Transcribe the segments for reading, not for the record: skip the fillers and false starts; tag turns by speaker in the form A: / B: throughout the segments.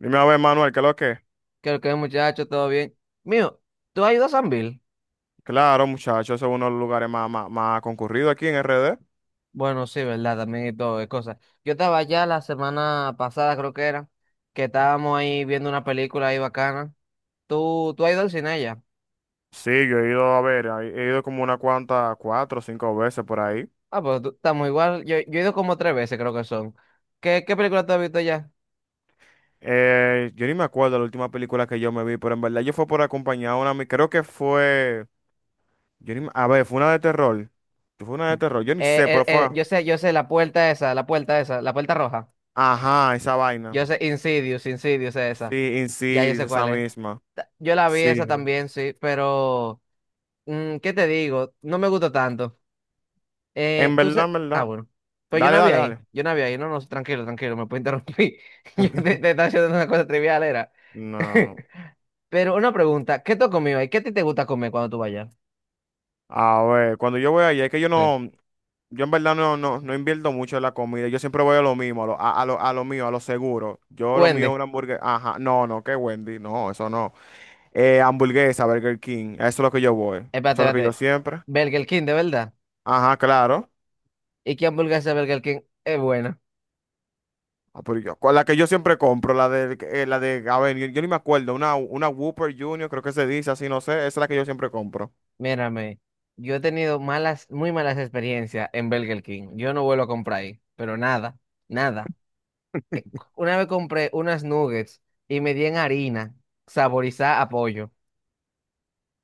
A: Dime a ver, Manuel, ¿qué es lo que?
B: Creo que muchacho, todo bien. Mío, ¿tú has ido a San Bill?
A: Claro, muchachos, ese es uno de los lugares más concurridos aquí en RD.
B: Bueno, sí, ¿verdad? También y todo, es cosa. Yo estaba allá la semana pasada, creo que era, que estábamos ahí viendo una película ahí bacana. ¿Tú has ido al cine allá?
A: Sí, yo he ido a ver, he ido como una cuanta, 4 o 5 veces por ahí.
B: Ah, pues tú- estamos igual. Yo he ido como tres veces, creo que son. ¿Qué película tú has visto allá?
A: Yo ni me acuerdo la última película que yo me vi, pero en verdad yo fue por acompañar a una, creo que fue, yo ni me- a ver, fue una de terror. Fue una de terror, yo ni sé, pero fue,
B: Yo sé, la puerta esa, la puerta esa, la puerta roja.
A: ajá, esa vaina.
B: Yo sé, Insidious, Insidious es
A: Sí,
B: esa. Ya yo
A: Insidious,
B: sé
A: esa
B: cuál es.
A: misma.
B: Yo la vi esa
A: Sí.
B: también, sí, pero... ¿qué te digo? No me gusta tanto.
A: En
B: Tú
A: verdad, en
B: se... Ah,
A: verdad.
B: bueno. Pues yo no
A: Dale,
B: había
A: dale,
B: ahí.
A: dale.
B: Yo no había ahí. No, no, tranquilo, tranquilo, me puedo interrumpir. Yo te estaba haciendo una cosa trivial, era.
A: No.
B: Pero una pregunta, ¿qué tú has comido ahí? ¿Qué a ti te gusta comer cuando tú vayas?
A: A ver, cuando yo voy allá, es que
B: Sí.
A: yo en verdad no invierto mucho en la comida, yo siempre voy a lo mismo, a lo mío, a lo seguro. Yo lo mío es
B: Wendy,
A: una hamburguesa, ajá, no, que Wendy, no, eso no. Hamburguesa, Burger King, eso es lo que yo voy,
B: espérate,
A: eso es lo que yo
B: espérate.
A: siempre,
B: Burger King, de verdad.
A: ajá, claro.
B: ¿Y qué hamburguesa de Burger King es buena?
A: Ah, con la que yo siempre compro, a ver, yo ni me acuerdo, una Whopper Junior, creo que se dice así, no sé, esa es la que yo siempre compro.
B: Mírame, yo he tenido malas, muy malas experiencias en Burger King. Yo no vuelvo a comprar ahí, pero nada, nada. Una vez compré unas nuggets y me di en harina, saborizada a pollo.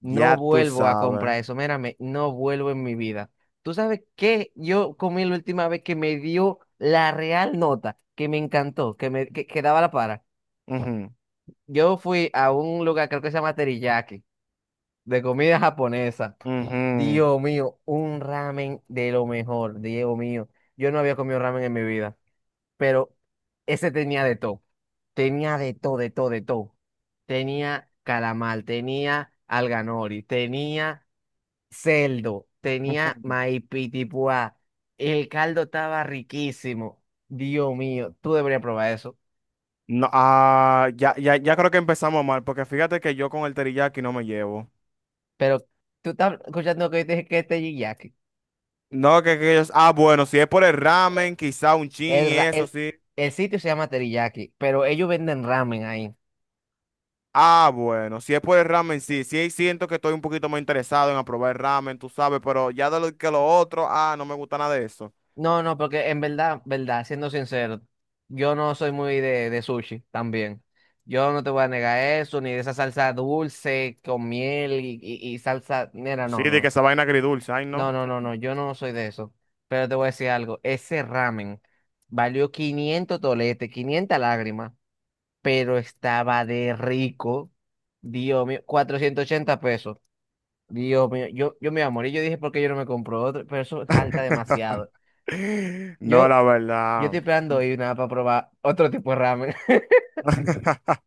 B: No
A: Ya tú
B: vuelvo a
A: sabes.
B: comprar eso, mírame, no vuelvo en mi vida. ¿Tú sabes qué? Yo comí la última vez que me dio la real nota, que me encantó, que daba la para.
A: Ujú,
B: Yo fui a un lugar, creo que se llama Teriyaki, de comida japonesa.
A: ujú,
B: Dios mío, un ramen de lo mejor, Dios mío. Yo no había comido ramen en mi vida. Pero ese tenía de todo. Tenía de todo, de todo, de todo. Tenía calamar, tenía alganori, tenía celdo, tenía
A: ujú.
B: maipitipuá. El caldo estaba riquísimo. Dios mío, tú deberías probar eso.
A: No, ya creo que empezamos mal, porque fíjate que yo con el teriyaki no me llevo.
B: Pero tú estás escuchando lo que yo te dije que es teriyaki.
A: No, que ellos, ah, bueno, si es por el ramen, quizá un chin
B: El,
A: y
B: ra-
A: eso
B: el,
A: sí.
B: el sitio se llama teriyaki, pero ellos venden ramen ahí.
A: Ah, bueno, si es por el ramen, sí siento que estoy un poquito más interesado en aprobar el ramen, tú sabes, pero ya de lo que lo otro, ah, no me gusta nada de eso.
B: No, no, porque en verdad, verdad, siendo sincero, yo no soy muy de sushi también. Yo no te voy a negar eso, ni de esa salsa dulce con miel y salsa. Mira,
A: Sí,
B: no,
A: de que
B: no.
A: esa vaina agridulce, ay,
B: No,
A: no.
B: no, no, no. Yo no soy de eso. Pero te voy a decir algo. Ese ramen valió 500 toletes, 500 lágrimas, pero estaba de rico. Dios mío, 480 pesos. Dios mío, yo me iba a morir. Yo dije, ¿por qué yo no me compro otro? Pero eso salta demasiado.
A: No,
B: Yo.
A: la
B: Yo
A: verdad.
B: estoy esperando ir nada para probar otro tipo de ramen.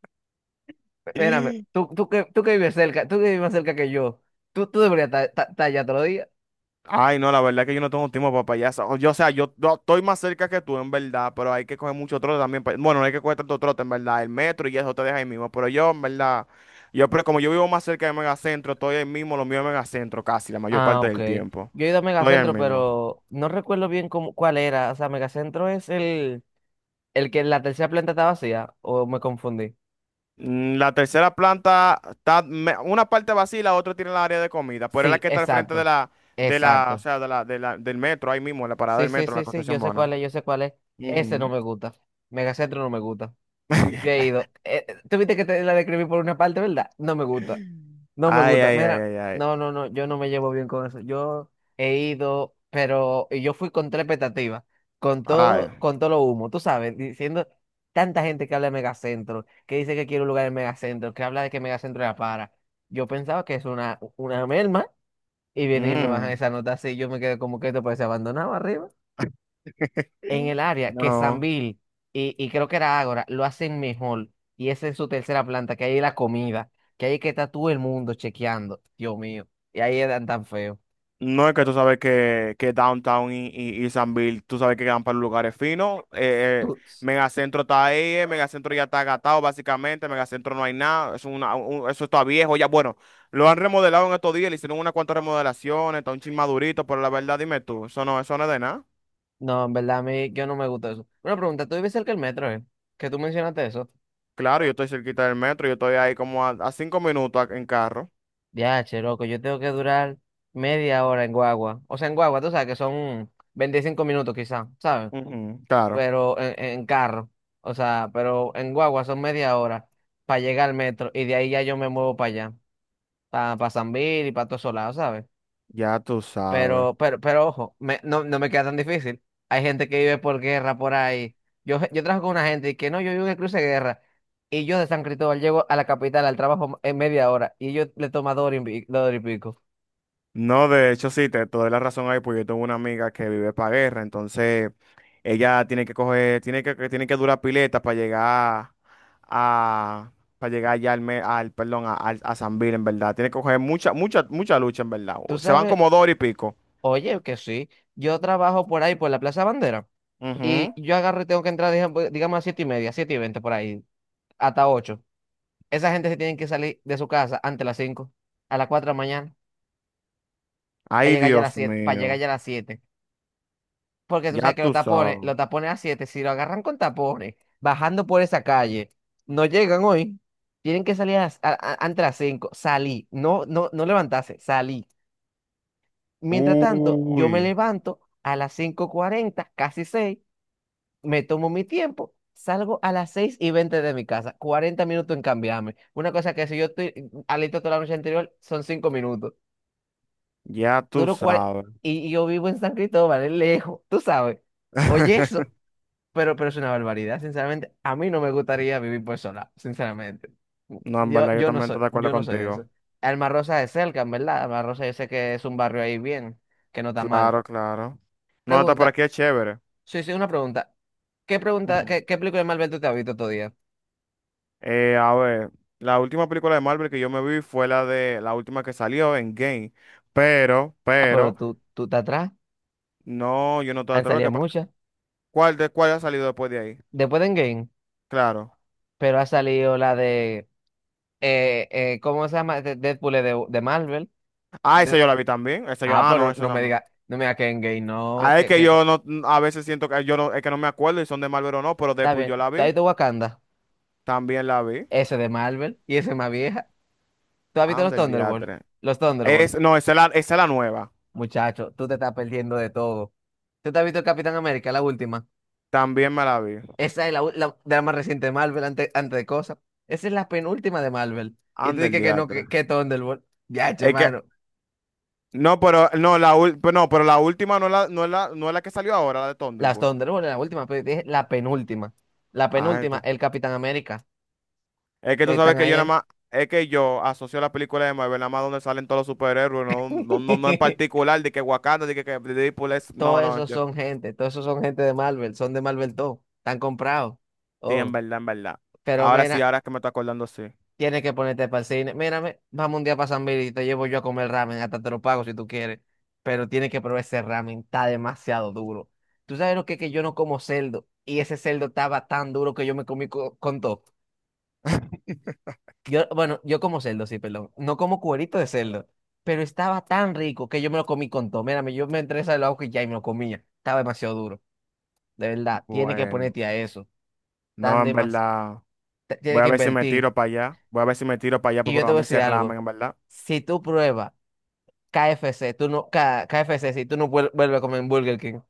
B: Espérame, tú que vives cerca, tú que vives más cerca que yo, tú deberías estar allá todos los días.
A: Ay, no, la verdad es que yo no tengo tiempo para payasa. O sea, yo estoy más cerca que tú, en verdad, pero hay que coger mucho trote también. Bueno, no hay que coger tanto trote, en verdad. El metro y eso te deja ahí mismo. Pero yo, en verdad, pero como yo vivo más cerca del megacentro, estoy ahí mismo, lo mío es megacentro casi, la mayor
B: Ah,
A: parte
B: ok.
A: del tiempo.
B: Yo he ido a
A: Estoy ahí
B: Megacentro,
A: mismo.
B: pero no recuerdo bien cómo, cuál era. O sea, Megacentro es el que la tercera planta está vacía, o me confundí.
A: La tercera planta está, una parte vacía y la otra tiene la área de comida, pero es la
B: Sí,
A: que está al frente de
B: exacto.
A: la,
B: Exacto.
A: de la, del metro, ahí mismo, en la parada
B: Sí,
A: del
B: sí,
A: metro, en la
B: sí, sí, yo
A: Concepción
B: sé
A: Bona.
B: cuál es, yo sé cuál es. Ese no
A: Ujú.
B: me gusta. Megacentro no me gusta. Yo he ido. Tú viste que te la describí por una parte, ¿verdad? No me gusta. No me
A: Ay,
B: gusta.
A: ay, ay,
B: Mira,
A: ay, ay.
B: no, no, no, yo no me llevo bien con eso. Yo he ido, pero y yo fui con tres expectativas,
A: Ay.
B: con todo lo humo, tú sabes, diciendo tanta gente que habla de megacentro, que dice que quiere un lugar en megacentro, que habla de que megacentro era para. Yo pensaba que es una merma y vienen y me bajan
A: Mm,
B: esa nota así, yo me quedé como que esto parece abandonado arriba en el área que
A: no.
B: Sambil y creo que era Ágora lo hacen mejor. Y es en su tercera planta, que ahí hay la comida, que ahí es que está todo el mundo chequeando. Dios mío. Y ahí eran tan feos.
A: No es que tú sabes que Downtown y Sanville, tú sabes que quedan para los lugares finos.
B: Tú-
A: Megacentro está ahí, Megacentro ya está agatado básicamente, Megacentro no hay nada, es una, eso está viejo ya. Bueno, lo han remodelado en estos días, le hicieron unas cuantas remodelaciones, está un chin madurito, pero la verdad dime tú, eso no es de nada.
B: No, en verdad, a mí yo no me gusta eso. Una pregunta, ¿tú vives cerca del metro, eh? Que tú mencionaste eso.
A: Claro, yo estoy cerquita del metro, yo estoy ahí como a 5 minutos en carro.
B: Ya, che, loco, yo tengo que durar media hora en Guagua. O sea, en Guagua, tú sabes que son 25 minutos quizás, ¿sabes?
A: Ujú, claro,
B: Pero en carro. O sea, pero en Guagua son media hora para llegar al metro y de ahí ya yo me muevo para allá. Para San Bill y para todos esos lados, ¿sabes?
A: ya tú sabes.
B: Pero ojo, no, no me queda tan difícil. Hay gente que vive por guerra por ahí. Yo trabajo con una gente y que no, yo vivo en el cruce de guerra. Y yo de San Cristóbal llego a la capital, al trabajo en media hora. Y yo le tomo 2 horas 2 horas y pico.
A: No, de hecho sí, te doy la razón ahí. Pues yo tengo una amiga que vive para guerra, entonces ella tiene que coger, que tiene que durar pileta para llegar a, para llegar ya al, me- al perdón, a, al- a San Bill, en verdad. Tiene que coger mucha lucha, en verdad.
B: Tú
A: Se van
B: sabes,
A: como 2 horas y pico.
B: oye, que sí. Yo trabajo por ahí, por la Plaza Bandera. Y
A: Ujú.
B: yo agarro y tengo que entrar, digamos, a 7:30, 7:20 por ahí, hasta ocho. Esa gente se tiene que salir de su casa antes de las cinco, a las cuatro de la mañana, para
A: Ay,
B: llegar ya a las
A: Dios
B: siete, para llegar
A: mío,
B: ya a las siete. Porque tú
A: ya
B: sabes que
A: tú sabes.
B: los tapones a 7 si lo agarran con tapones, bajando por esa calle, no llegan hoy, tienen que salir a las- a- antes de las 5 salí, no, no, no levantarse, salí. Mientras tanto, yo
A: Uy,
B: me levanto a las 5:40 casi seis, me tomo mi tiempo, salgo a las 6:20 de mi casa, 40 minutos en cambiarme. Una cosa que si yo estoy alito toda la noche anterior, son 5 minutos.
A: ya tú
B: Duro cuarenta
A: sabes.
B: y yo vivo en San Cristóbal, es lejos, tú sabes. Oye, eso. Pero es una barbaridad, sinceramente. A mí no me gustaría vivir por sola, sinceramente.
A: No, en
B: Yo,
A: verdad, yo
B: yo no
A: también estoy
B: soy,
A: de acuerdo
B: yo no soy de
A: contigo.
B: eso. Alma Rosa es cerca, en verdad. Alma Rosa yo sé que es un barrio ahí bien, que no está mal.
A: Claro, claro. No, está por
B: Pregunta,
A: aquí es chévere.
B: sí, sí, una pregunta. ¿Qué pregunta,
A: Ujú.
B: qué película de Marvel tú te has visto todo día?
A: A ver, la última película de Marvel que yo me vi fue la de la última que salió en Game,
B: Ah, pero
A: pero,
B: tú te atrás.
A: no, yo no estoy
B: Han
A: atrás.
B: salido
A: ¿Qué pasa?
B: muchas.
A: ¿Cuál de cuál ha salido después de ahí?
B: Después de Endgame,
A: Claro.
B: pero ha salido la de, ¿cómo se llama? Deadpool es de Marvel.
A: Ah, esa
B: De-
A: yo la vi también. Esa yo,
B: ah,
A: ah, no,
B: pero
A: esa
B: no me
A: también.
B: diga, no me diga que Endgame, no,
A: Ah, es
B: que,
A: que
B: que,
A: yo no, a veces siento que yo no, es que no me acuerdo si son de Marvel o no, pero
B: está
A: Deadpool
B: bien.
A: yo la
B: ¿Está ahí
A: vi.
B: de Wakanda?
A: También la vi.
B: Ese de Marvel y ese más vieja. ¿Tú has visto los
A: Anda el
B: Thunderbolts?
A: diatre.
B: Los Thunderbolts.
A: Es, no, esa es la nueva.
B: Muchacho, tú te estás perdiendo de todo. ¿Tú te has visto el Capitán América, la última?
A: También me la vi.
B: Esa es la, u- la- de la más reciente de Marvel, antes, antes de cosas. Esa es la penúltima de Marvel. Y tú
A: Anda el
B: dices que no,
A: diatre.
B: que Thunderbolt. Ya, che,
A: Es que,
B: mano.
A: no, pero, no, pero no, pero la última no, es la, no, es la, no es la que salió ahora, la de
B: Las
A: Thunderbolt.
B: Thunderbolts, la última, pero dije la penúltima. La
A: Ay,
B: penúltima,
A: ca-
B: el Capitán América.
A: es que
B: Que
A: tú sabes
B: están
A: que
B: ahí,
A: yo nada
B: ahí.
A: más, es que yo asocio la película de Marvel nada más donde salen todos los superhéroes, no en particular, de que Wakanda, de que Deadpool es,
B: Todos
A: no,
B: esos
A: yo,
B: son gente, todos esos son gente de Marvel, son de Marvel todo. Están comprados.
A: sí, en
B: Oh.
A: verdad, en verdad.
B: Pero
A: Ahora sí,
B: mira,
A: ahora es que me estoy acordando, sí.
B: tienes que ponerte para el cine. Mírame, vamos un día para San Miguel y te llevo yo a comer ramen. Hasta te lo pago si tú quieres. Pero tienes que probar ese ramen. Está demasiado duro. Tú sabes lo que es que yo no como cerdo. Y ese cerdo estaba tan duro que yo me comí con todo. Yo, bueno, yo como cerdo, sí, perdón. No como cuerito de cerdo. Pero estaba tan rico que yo me lo comí con todo. Mírame, yo me entré al ojo y ya y me lo comía. Estaba demasiado duro. De verdad, tienes que
A: Bueno,
B: ponerte a eso.
A: no,
B: Tan
A: en
B: demasiado.
A: verdad,
B: Tienes
A: voy a
B: que
A: ver si me
B: invertir.
A: tiro para allá, voy a ver si me tiro para allá
B: Y
A: para
B: yo te voy a
A: probarme
B: decir
A: ese ramen,
B: algo.
A: en verdad.
B: Si tú pruebas. K F C, tú no, KFC, si tú no vuelves a comer en Burger King,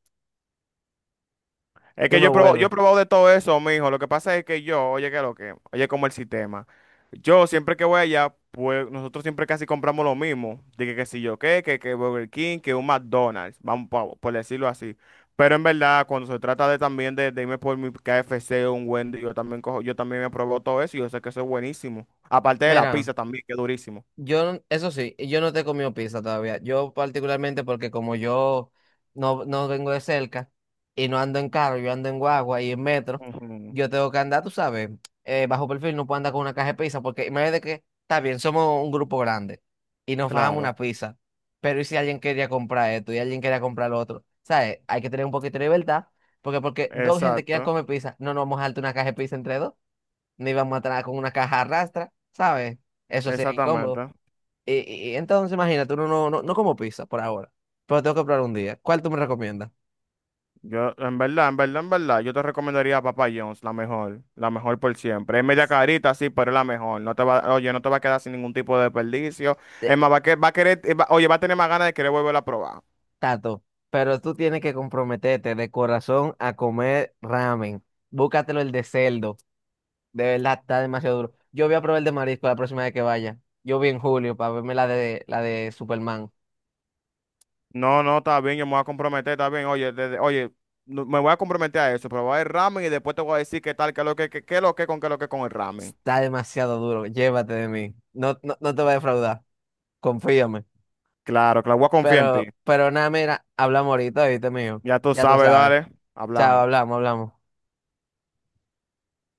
A: Es
B: tú
A: que
B: no
A: yo he
B: vuelves.
A: probado de todo eso, mijo. Lo que pasa es que yo, oye, que lo que, oye, como el sistema. Yo siempre que voy allá, pues nosotros siempre casi compramos lo mismo. Dije que si yo qué, que Burger King, que un McDonald's, por decirlo así. Pero en verdad, cuando se trata de también de irme por mi KFC o un Wendy, yo también cojo, yo también me probado todo eso y yo sé que eso es buenísimo. Aparte de la
B: Mira.
A: pizza también, que es durísimo.
B: Yo, eso sí, yo no te he comido pizza todavía. Yo particularmente porque como yo no vengo de cerca y no ando en carro, yo ando en guagua y en metro,
A: Ujú,
B: yo tengo que andar, tú sabes, bajo perfil, no puedo andar con una caja de pizza porque imagínate que, está bien, somos un grupo grande y nos fajamos una
A: Claro,
B: pizza, pero ¿y si alguien quería comprar esto y alguien quería comprar lo otro? ¿Sabes? Hay que tener un poquito de libertad porque dos gente quieran
A: exacto,
B: comer pizza, no nos vamos a darte una caja de pizza entre dos, ni vamos a traer con una caja arrastra, ¿sabes? Eso sería incómodo.
A: exactamente.
B: Y entonces, imagínate, uno no, no como pizza por ahora, pero tengo que probar un día. ¿Cuál tú me recomiendas?
A: Yo, en verdad, yo te recomendaría a Papa John's, la mejor por siempre. Es media carita, sí, pero es la mejor. No te va, oye, no te va a quedar sin ningún tipo de desperdicio.
B: Eh,
A: Es más, va a querer, oye, va a tener más ganas de querer volver a probar.
B: Tato, pero tú tienes que comprometerte de corazón a comer ramen. Búscatelo el de cerdo. De verdad, está demasiado duro. Yo voy a probar el de marisco la próxima vez que vaya. Yo vi en julio para verme la de Superman.
A: No, no, está bien, yo me voy a comprometer, está bien. Oye, me voy a comprometer a eso, probar el ramen y después te voy a decir qué tal, qué lo que, con qué lo que con el ramen.
B: Está demasiado duro. Llévate de mí. No, no, no te voy a defraudar. Confíame.
A: Claro, claro, voy a confiar en ti.
B: Pero nada, mira, hablamos ahorita, ¿viste, mío?
A: Ya tú
B: Ya tú
A: sabes,
B: sabes.
A: dale,
B: Chao,
A: hablamos.
B: hablamos, hablamos.